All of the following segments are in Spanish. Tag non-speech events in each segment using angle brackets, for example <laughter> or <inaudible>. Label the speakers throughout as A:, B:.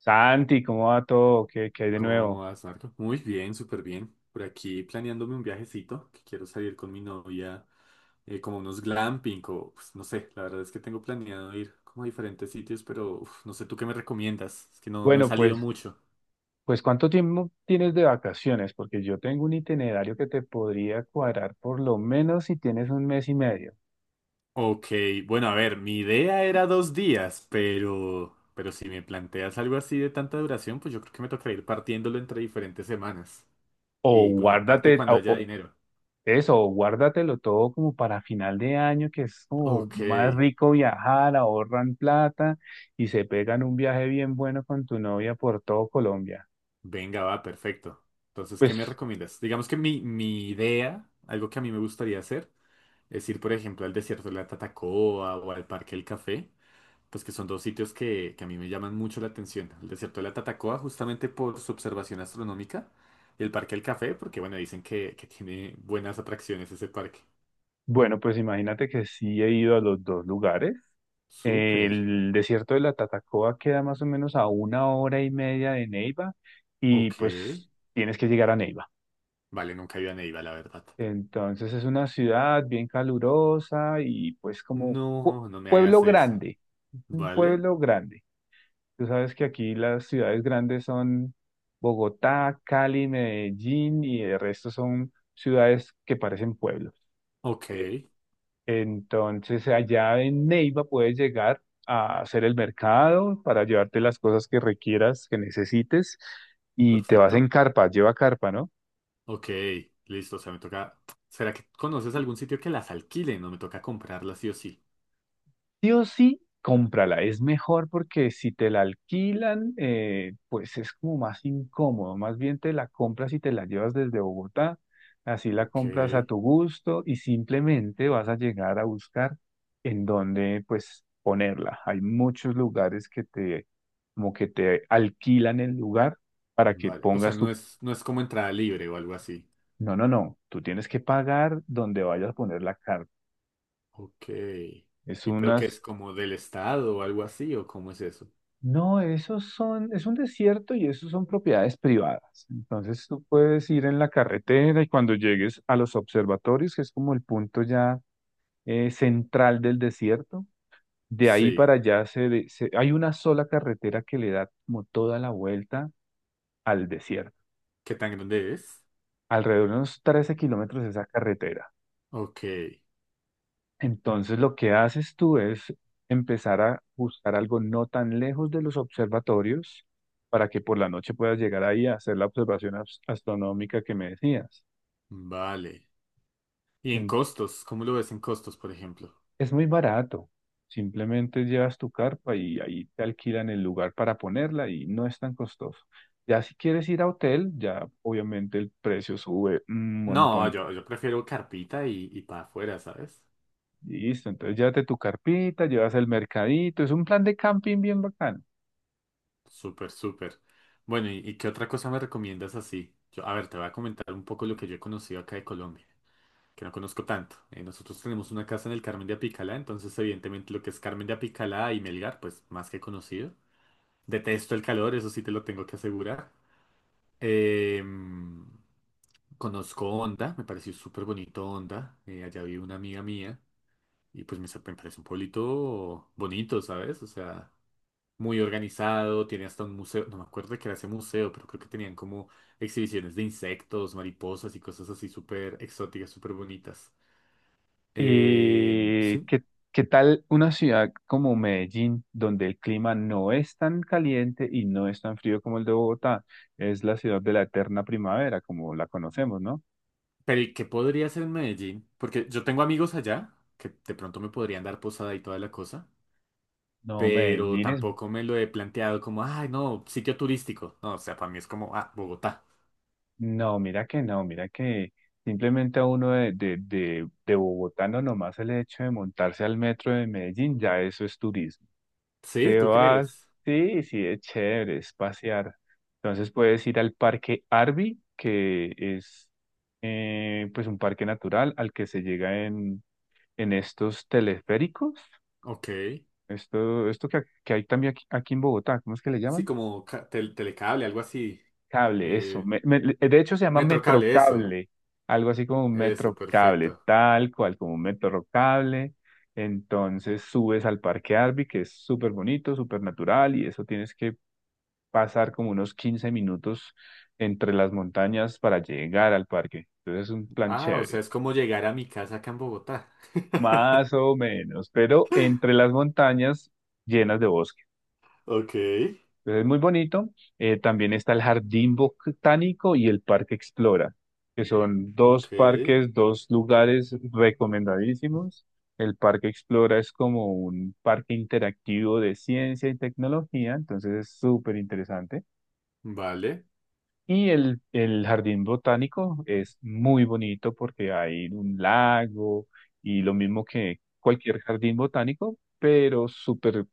A: Santi, ¿cómo va todo? ¿Qué hay de
B: ¿Cómo
A: nuevo?
B: vas, Marco? Muy bien, súper bien. Por aquí planeándome un viajecito que quiero salir con mi novia, como unos glamping o pues, no sé, la verdad es que tengo planeado ir como a diferentes sitios, pero uf, no sé tú qué me recomiendas. Es que no he
A: Bueno,
B: salido
A: pues,
B: mucho.
A: pues ¿cuánto tiempo tienes de vacaciones? Porque yo tengo un itinerario que te podría cuadrar por lo menos si tienes un mes y medio.
B: Ok, bueno, a ver, mi idea era dos días, pero si me planteas algo así de tanta duración, pues yo creo que me tocará ir partiéndolo entre diferentes semanas.
A: O
B: Y bueno,
A: guárdate,
B: aparte cuando
A: o
B: haya dinero.
A: eso, o guárdatelo todo como para final de año, que es como
B: Ok.
A: más rico viajar, ahorran plata y se pegan un viaje bien bueno con tu novia por todo Colombia.
B: Venga, va, perfecto. Entonces, ¿qué me
A: Pues
B: recomiendas? Digamos que mi idea, algo que a mí me gustaría hacer, es ir, por ejemplo, al desierto de la Tatacoa o al Parque El Café, pues que son dos sitios que a mí me llaman mucho la atención. El desierto de la Tatacoa justamente por su observación astronómica y el Parque El Café porque, bueno, dicen que tiene buenas atracciones ese parque.
A: Bueno, pues imagínate que sí he ido a los dos lugares.
B: Súper.
A: El desierto de la Tatacoa queda más o menos a una hora y media de Neiva y
B: Ok.
A: pues tienes que llegar a Neiva.
B: Vale, nunca he ido a Neiva, la verdad.
A: Entonces es una ciudad bien calurosa y pues como
B: No me
A: pueblo
B: hagas eso.
A: grande, un
B: ¿Vale?
A: pueblo grande. Tú sabes que aquí las ciudades grandes son Bogotá, Cali, Medellín y el resto son ciudades que parecen pueblos.
B: Ok,
A: Entonces, allá en Neiva puedes llegar a hacer el mercado para llevarte las cosas que requieras, que necesites, y te vas en
B: perfecto.
A: carpa, lleva carpa, ¿no?
B: Ok, listo, o sea, me toca... ¿Será que conoces algún sitio que las alquile? No me toca comprarlas sí o sí.
A: Sí o sí, cómprala. Es mejor porque si te la alquilan, pues es como más incómodo. Más bien te la compras y te la llevas desde Bogotá. Así la
B: Ok,
A: compras a tu gusto y simplemente vas a llegar a buscar en dónde pues ponerla. Hay muchos lugares que te como que te alquilan el lugar para que
B: vale. O sea,
A: pongas tu...
B: no es como entrada libre o algo así.
A: No, no, no. Tú tienes que pagar donde vayas a poner la carta.
B: Ok.
A: Es
B: ¿Y pero
A: una.
B: qué es como del estado o algo así o cómo es eso?
A: No, esos son, es un desierto y esos son propiedades privadas. Entonces tú puedes ir en la carretera y cuando llegues a los observatorios, que es como el punto ya central del desierto, de ahí
B: Sí.
A: para allá se, hay una sola carretera que le da como toda la vuelta al desierto.
B: ¿Qué tan grande es?
A: Alrededor de unos 13 kilómetros de esa carretera.
B: Ok,
A: Entonces lo que haces tú es empezar a buscar algo no tan lejos de los observatorios para que por la noche puedas llegar ahí a hacer la observación astronómica que me decías.
B: vale. ¿Y en
A: En-
B: costos? ¿Cómo lo ves en costos, por ejemplo?
A: es muy barato. Simplemente llevas tu carpa y ahí te alquilan el lugar para ponerla y no es tan costoso. Ya si quieres ir a hotel, ya obviamente el precio sube un
B: No,
A: montón.
B: yo prefiero carpita y para afuera, ¿sabes?
A: Listo, entonces llévate tu carpita, llevas el mercadito, es un plan de camping bien bacán.
B: Súper, súper. Bueno, ¿ y qué otra cosa me recomiendas así? Yo, a ver, te voy a comentar un poco lo que yo he conocido acá de Colombia, que no conozco tanto. Nosotros tenemos una casa en el Carmen de Apicalá, entonces evidentemente lo que es Carmen de Apicalá y Melgar, pues más que conocido. Detesto el calor, eso sí te lo tengo que asegurar. Em, Conozco Honda, me pareció súper bonito Honda. Eh, allá vive una amiga mía y pues me parece un pueblito bonito, ¿sabes? O sea muy organizado, tiene hasta un museo, no me acuerdo de qué era ese museo, pero creo que tenían como exhibiciones de insectos, mariposas y cosas así súper exóticas, súper bonitas. Eh,
A: Eh,
B: sí,
A: ¿qué, qué tal una ciudad como Medellín, donde el clima no es tan caliente y no es tan frío como el de Bogotá? Es la ciudad de la eterna primavera, como la conocemos, ¿no?
B: pero ¿y qué podría hacer en Medellín? Porque yo tengo amigos allá que de pronto me podrían dar posada y toda la cosa,
A: No,
B: pero
A: Medellín es...
B: tampoco me lo he planteado como, ay, no, sitio turístico. No, o sea, para mí es como, ah, Bogotá.
A: No, mira que no, mira que simplemente a uno de bogotano nomás el hecho de montarse al metro de Medellín, ya eso es turismo.
B: ¿Sí?
A: Te
B: ¿Tú
A: vas,
B: crees?
A: sí, sí, es chévere, es pasear. Entonces puedes ir al Parque Arby, que es pues un parque natural al que se llega en estos teleféricos.
B: Ok.
A: Esto que hay también aquí en Bogotá, ¿cómo es que le
B: Sí,
A: llaman?
B: como telecable, algo así.
A: Cable, eso.
B: Eh,
A: De hecho se llama
B: metrocable, eso.
A: Metrocable, algo así como un
B: Eso,
A: Metrocable,
B: perfecto.
A: tal cual como un Metrocable. Entonces subes al Parque Arby, que es súper bonito, súper natural, y eso tienes que pasar como unos 15 minutos entre las montañas para llegar al parque. Entonces es un plan
B: Ah, o
A: chévere,
B: sea, es como llegar a mi casa acá en Bogotá. <laughs>
A: más o menos, pero entre las montañas llenas de bosque.
B: Ok,
A: Entonces es muy bonito. También está el Jardín Botánico y el Parque Explora, que son dos
B: ok,
A: parques, dos lugares recomendadísimos. El Parque Explora es como un parque interactivo de ciencia y tecnología, entonces es súper interesante.
B: vale.
A: Y el jardín botánico es muy bonito porque hay un lago y lo mismo que cualquier jardín botánico, pero súper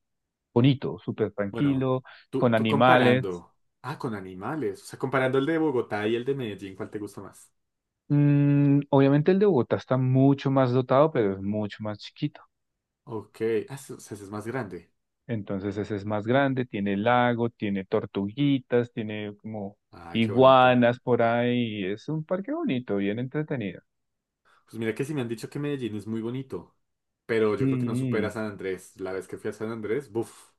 A: bonito, súper
B: Bueno,
A: tranquilo, con
B: tú
A: animales.
B: comparando. Ah, con animales. O sea, comparando el de Bogotá y el de Medellín, ¿cuál te gusta más?
A: Obviamente el de Bogotá está mucho más dotado, pero es mucho más chiquito.
B: Ok, ah, o sea, ese es más grande.
A: Entonces ese es más grande, tiene lago, tiene tortuguitas, tiene como
B: Ay, qué bonito.
A: iguanas por ahí. Es un parque bonito, bien entretenido.
B: Pues mira que sí me han dicho que Medellín es muy bonito, pero yo creo que no supera
A: Sí.
B: San Andrés. La vez que fui a San Andrés, buf,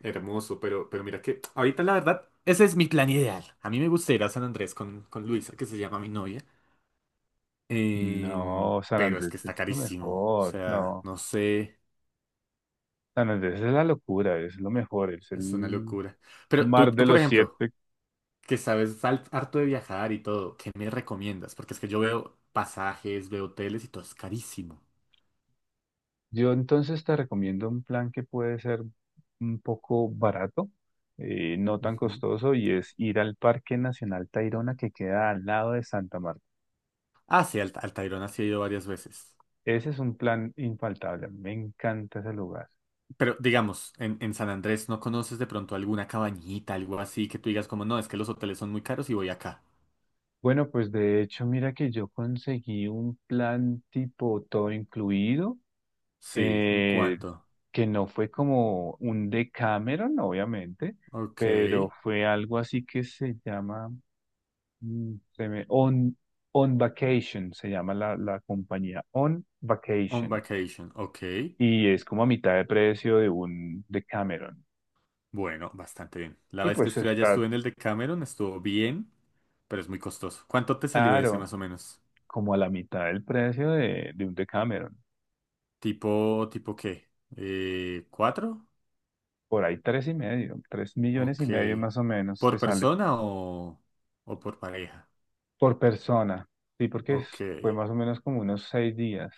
B: hermoso, pero mira que ahorita la verdad, ese es mi plan ideal. A mí me gusta ir a San Andrés con Luisa, que se llama mi novia.
A: No, San
B: Pero es que
A: Andrés es
B: está
A: lo
B: carísimo. O
A: mejor,
B: sea,
A: no.
B: no sé,
A: San Andrés es la locura, es lo mejor, es
B: es una
A: el
B: locura. Pero
A: mar
B: tú,
A: de
B: por
A: los
B: ejemplo,
A: siete.
B: que sabes al- harto de viajar y todo, ¿qué me recomiendas? Porque es que yo veo pasajes, veo hoteles y todo es carísimo.
A: Yo entonces te recomiendo un plan que puede ser un poco barato, no tan
B: Ujú.
A: costoso, y es ir al Parque Nacional Tayrona que queda al lado de Santa Marta.
B: Ah, sí, al Tayrona sí he ido varias veces.
A: Ese es un plan infaltable, me encanta ese lugar.
B: Pero digamos, en San Andrés, ¿no conoces de pronto alguna cabañita, algo así, que tú digas como, no, es que los hoteles son muy caros y voy acá?
A: Bueno, pues de hecho, mira que yo conseguí un plan tipo todo incluido
B: Sí, ¿en
A: eh,
B: cuánto?
A: que no fue como un Decameron, obviamente,
B: Ok.
A: pero fue algo así que se llama, mm, se me- On, On Vacation, se llama la compañía, On
B: On
A: Vacation,
B: vacation, ok.
A: y es como a mitad de precio de un Decameron.
B: Bueno, bastante bien. La
A: Y
B: vez que
A: pues
B: estuve allá
A: está
B: estuve en el de Cameron, estuvo bien, pero es muy costoso. ¿Cuánto te salió ese
A: claro,
B: más o menos?
A: como a la mitad del precio de un Decameron,
B: Tipo qué? ¿Cuatro?
A: por ahí tres y medio, tres millones
B: Ok.
A: y medio más o menos te
B: ¿Por
A: sale
B: persona o por pareja?
A: por persona, sí, porque
B: Ok.
A: fue más o menos como unos 6 días.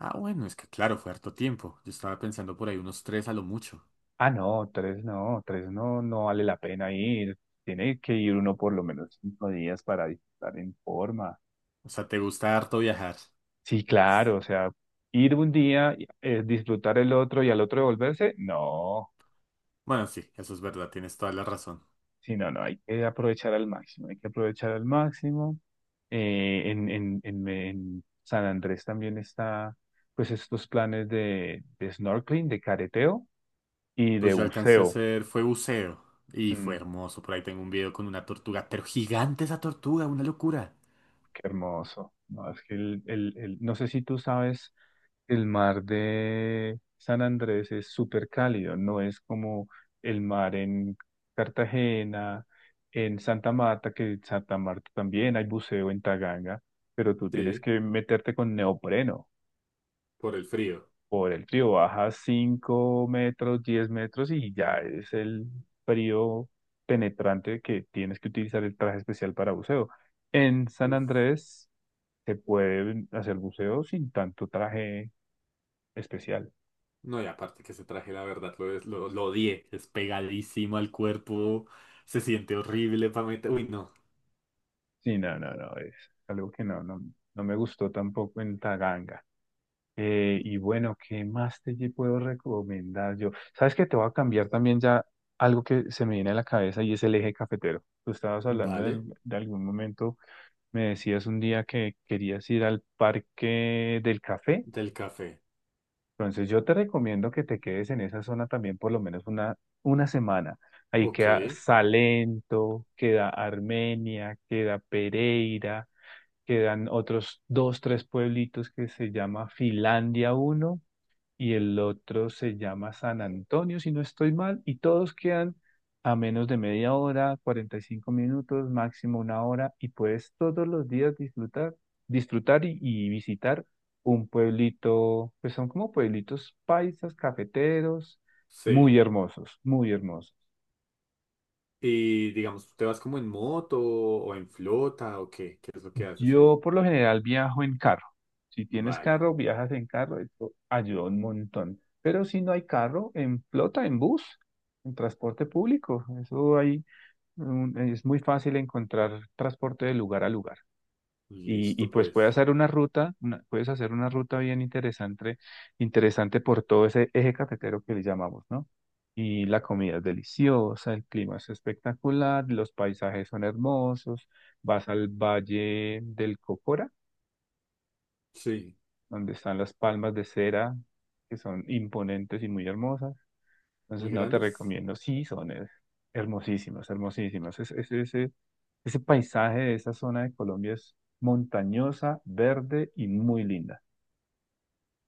B: Ah, bueno, es que claro, fue harto tiempo. Yo estaba pensando por ahí unos tres a lo mucho.
A: Ah, no, tres no, tres no, no vale la pena ir. Tiene que ir uno por lo menos 5 días para disfrutar en forma.
B: O sea, ¿te gusta harto viajar?
A: Sí, claro, o sea, ir un día, disfrutar el otro y al otro devolverse, no,
B: Bueno, sí, eso es verdad, tienes toda la razón.
A: sí, no, no, hay que aprovechar al máximo, hay que aprovechar al máximo. En San Andrés también está, pues, estos planes de snorkeling, de careteo y de
B: Pues yo alcancé a
A: buceo.
B: hacer, fue buceo y fue
A: Mm.
B: hermoso. Por ahí tengo un video con una tortuga, pero gigante esa tortuga, una locura.
A: Qué hermoso. No, es que no sé si tú sabes, el mar de San Andrés es súper cálido, no es como el mar en Cartagena, en Santa Marta, que en Santa Marta también hay buceo en Taganga, pero tú tienes
B: Sí,
A: que meterte con neopreno
B: por el frío.
A: por el frío. Bajas 5 metros, 10 metros y ya es el frío penetrante que tienes que utilizar el traje especial para buceo. En San
B: Uf,
A: Andrés se puede hacer buceo sin tanto traje especial.
B: no, y aparte que ese traje, la verdad, lo odié. Es pegadísimo al cuerpo, se siente horrible para meter. Uy, no.
A: Sí, no, no, no, es algo que no, no, no me gustó tampoco en Taganga. Y bueno, ¿qué más te puedo recomendar yo? Sabes que te voy a cambiar también ya algo que se me viene a la cabeza y es el eje cafetero. Tú estabas hablando
B: Vale,
A: de algún momento, me decías un día que querías ir al parque del café.
B: del café.
A: Entonces yo te recomiendo que te quedes en esa zona también por lo menos una semana. Ahí
B: Ok,
A: queda Salento, queda Armenia, queda Pereira, quedan otros dos, tres pueblitos que se llama Finlandia uno y el otro se llama San Antonio, si no estoy mal, y todos quedan a menos de media hora, 45 minutos, máximo una hora, y puedes todos los días disfrutar, disfrutar y visitar un pueblito, pues son como pueblitos paisas, cafeteros,
B: sí.
A: muy hermosos, muy hermosos.
B: Y digamos, ¿tú te vas como en moto o en flota o qué? ¿Qué es lo que haces ahí?
A: Yo por lo general viajo en carro. Si tienes
B: Vale,
A: carro, viajas en carro, esto ayuda un montón. Pero si no hay carro, en flota, en bus, en transporte público. Eso hay, es muy fácil encontrar transporte de lugar a lugar. Y
B: listo
A: pues puedes
B: pues.
A: hacer una ruta, puedes hacer una ruta bien interesante, interesante por todo ese eje cafetero que le llamamos, ¿no? Y la comida es deliciosa, el clima es espectacular, los paisajes son hermosos, vas al Valle del Cocora,
B: Sí,
A: donde están las palmas de cera, que son imponentes y muy hermosas.
B: muy
A: Entonces, no te
B: grandes.
A: recomiendo. Sí, son hermosísimas, hermosísimas. Ese paisaje de esa zona de Colombia es montañosa, verde y muy linda.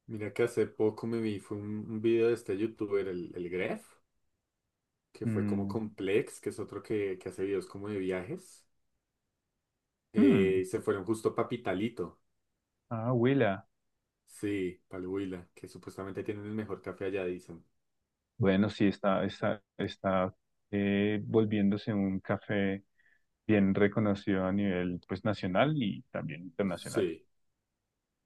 B: Mira que hace poco me vi, fue un video de este youtuber, el Gref, que fue como
A: Mm,
B: Complex, que es otro que hace videos como de viajes,
A: mm,
B: y se fueron justo para Pitalito,
A: ah, Huila.
B: sí, para el Huila, que supuestamente tienen el mejor café allá, dicen.
A: Bueno, sí, está volviéndose un café bien reconocido a nivel pues, nacional y también internacional.
B: Sí,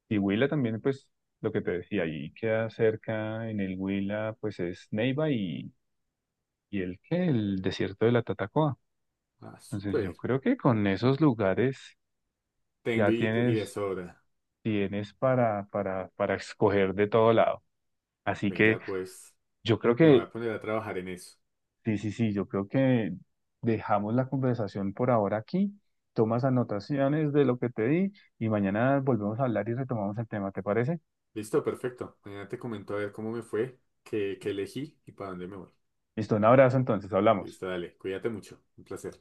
A: Y Huila también, pues, lo que te decía, ahí queda cerca en el Huila, pues es Neiva y el desierto de la Tatacoa.
B: ah,
A: Entonces yo
B: súper.
A: creo que con esos lugares
B: Tengo
A: ya
B: y de
A: tienes,
B: sobra.
A: tienes para, escoger de todo lado. Así que
B: Venga, pues,
A: yo creo
B: me voy
A: que,
B: a poner a trabajar en eso.
A: sí, sí, sí, yo creo que dejamos la conversación por ahora aquí, tomas anotaciones de lo que te di y mañana volvemos a hablar y retomamos el tema, ¿te parece?
B: Listo, perfecto. Mañana te comento a ver cómo me fue, qué elegí y para dónde me voy.
A: Listo, un abrazo entonces, hablamos.
B: Listo, dale, cuídate mucho, un placer.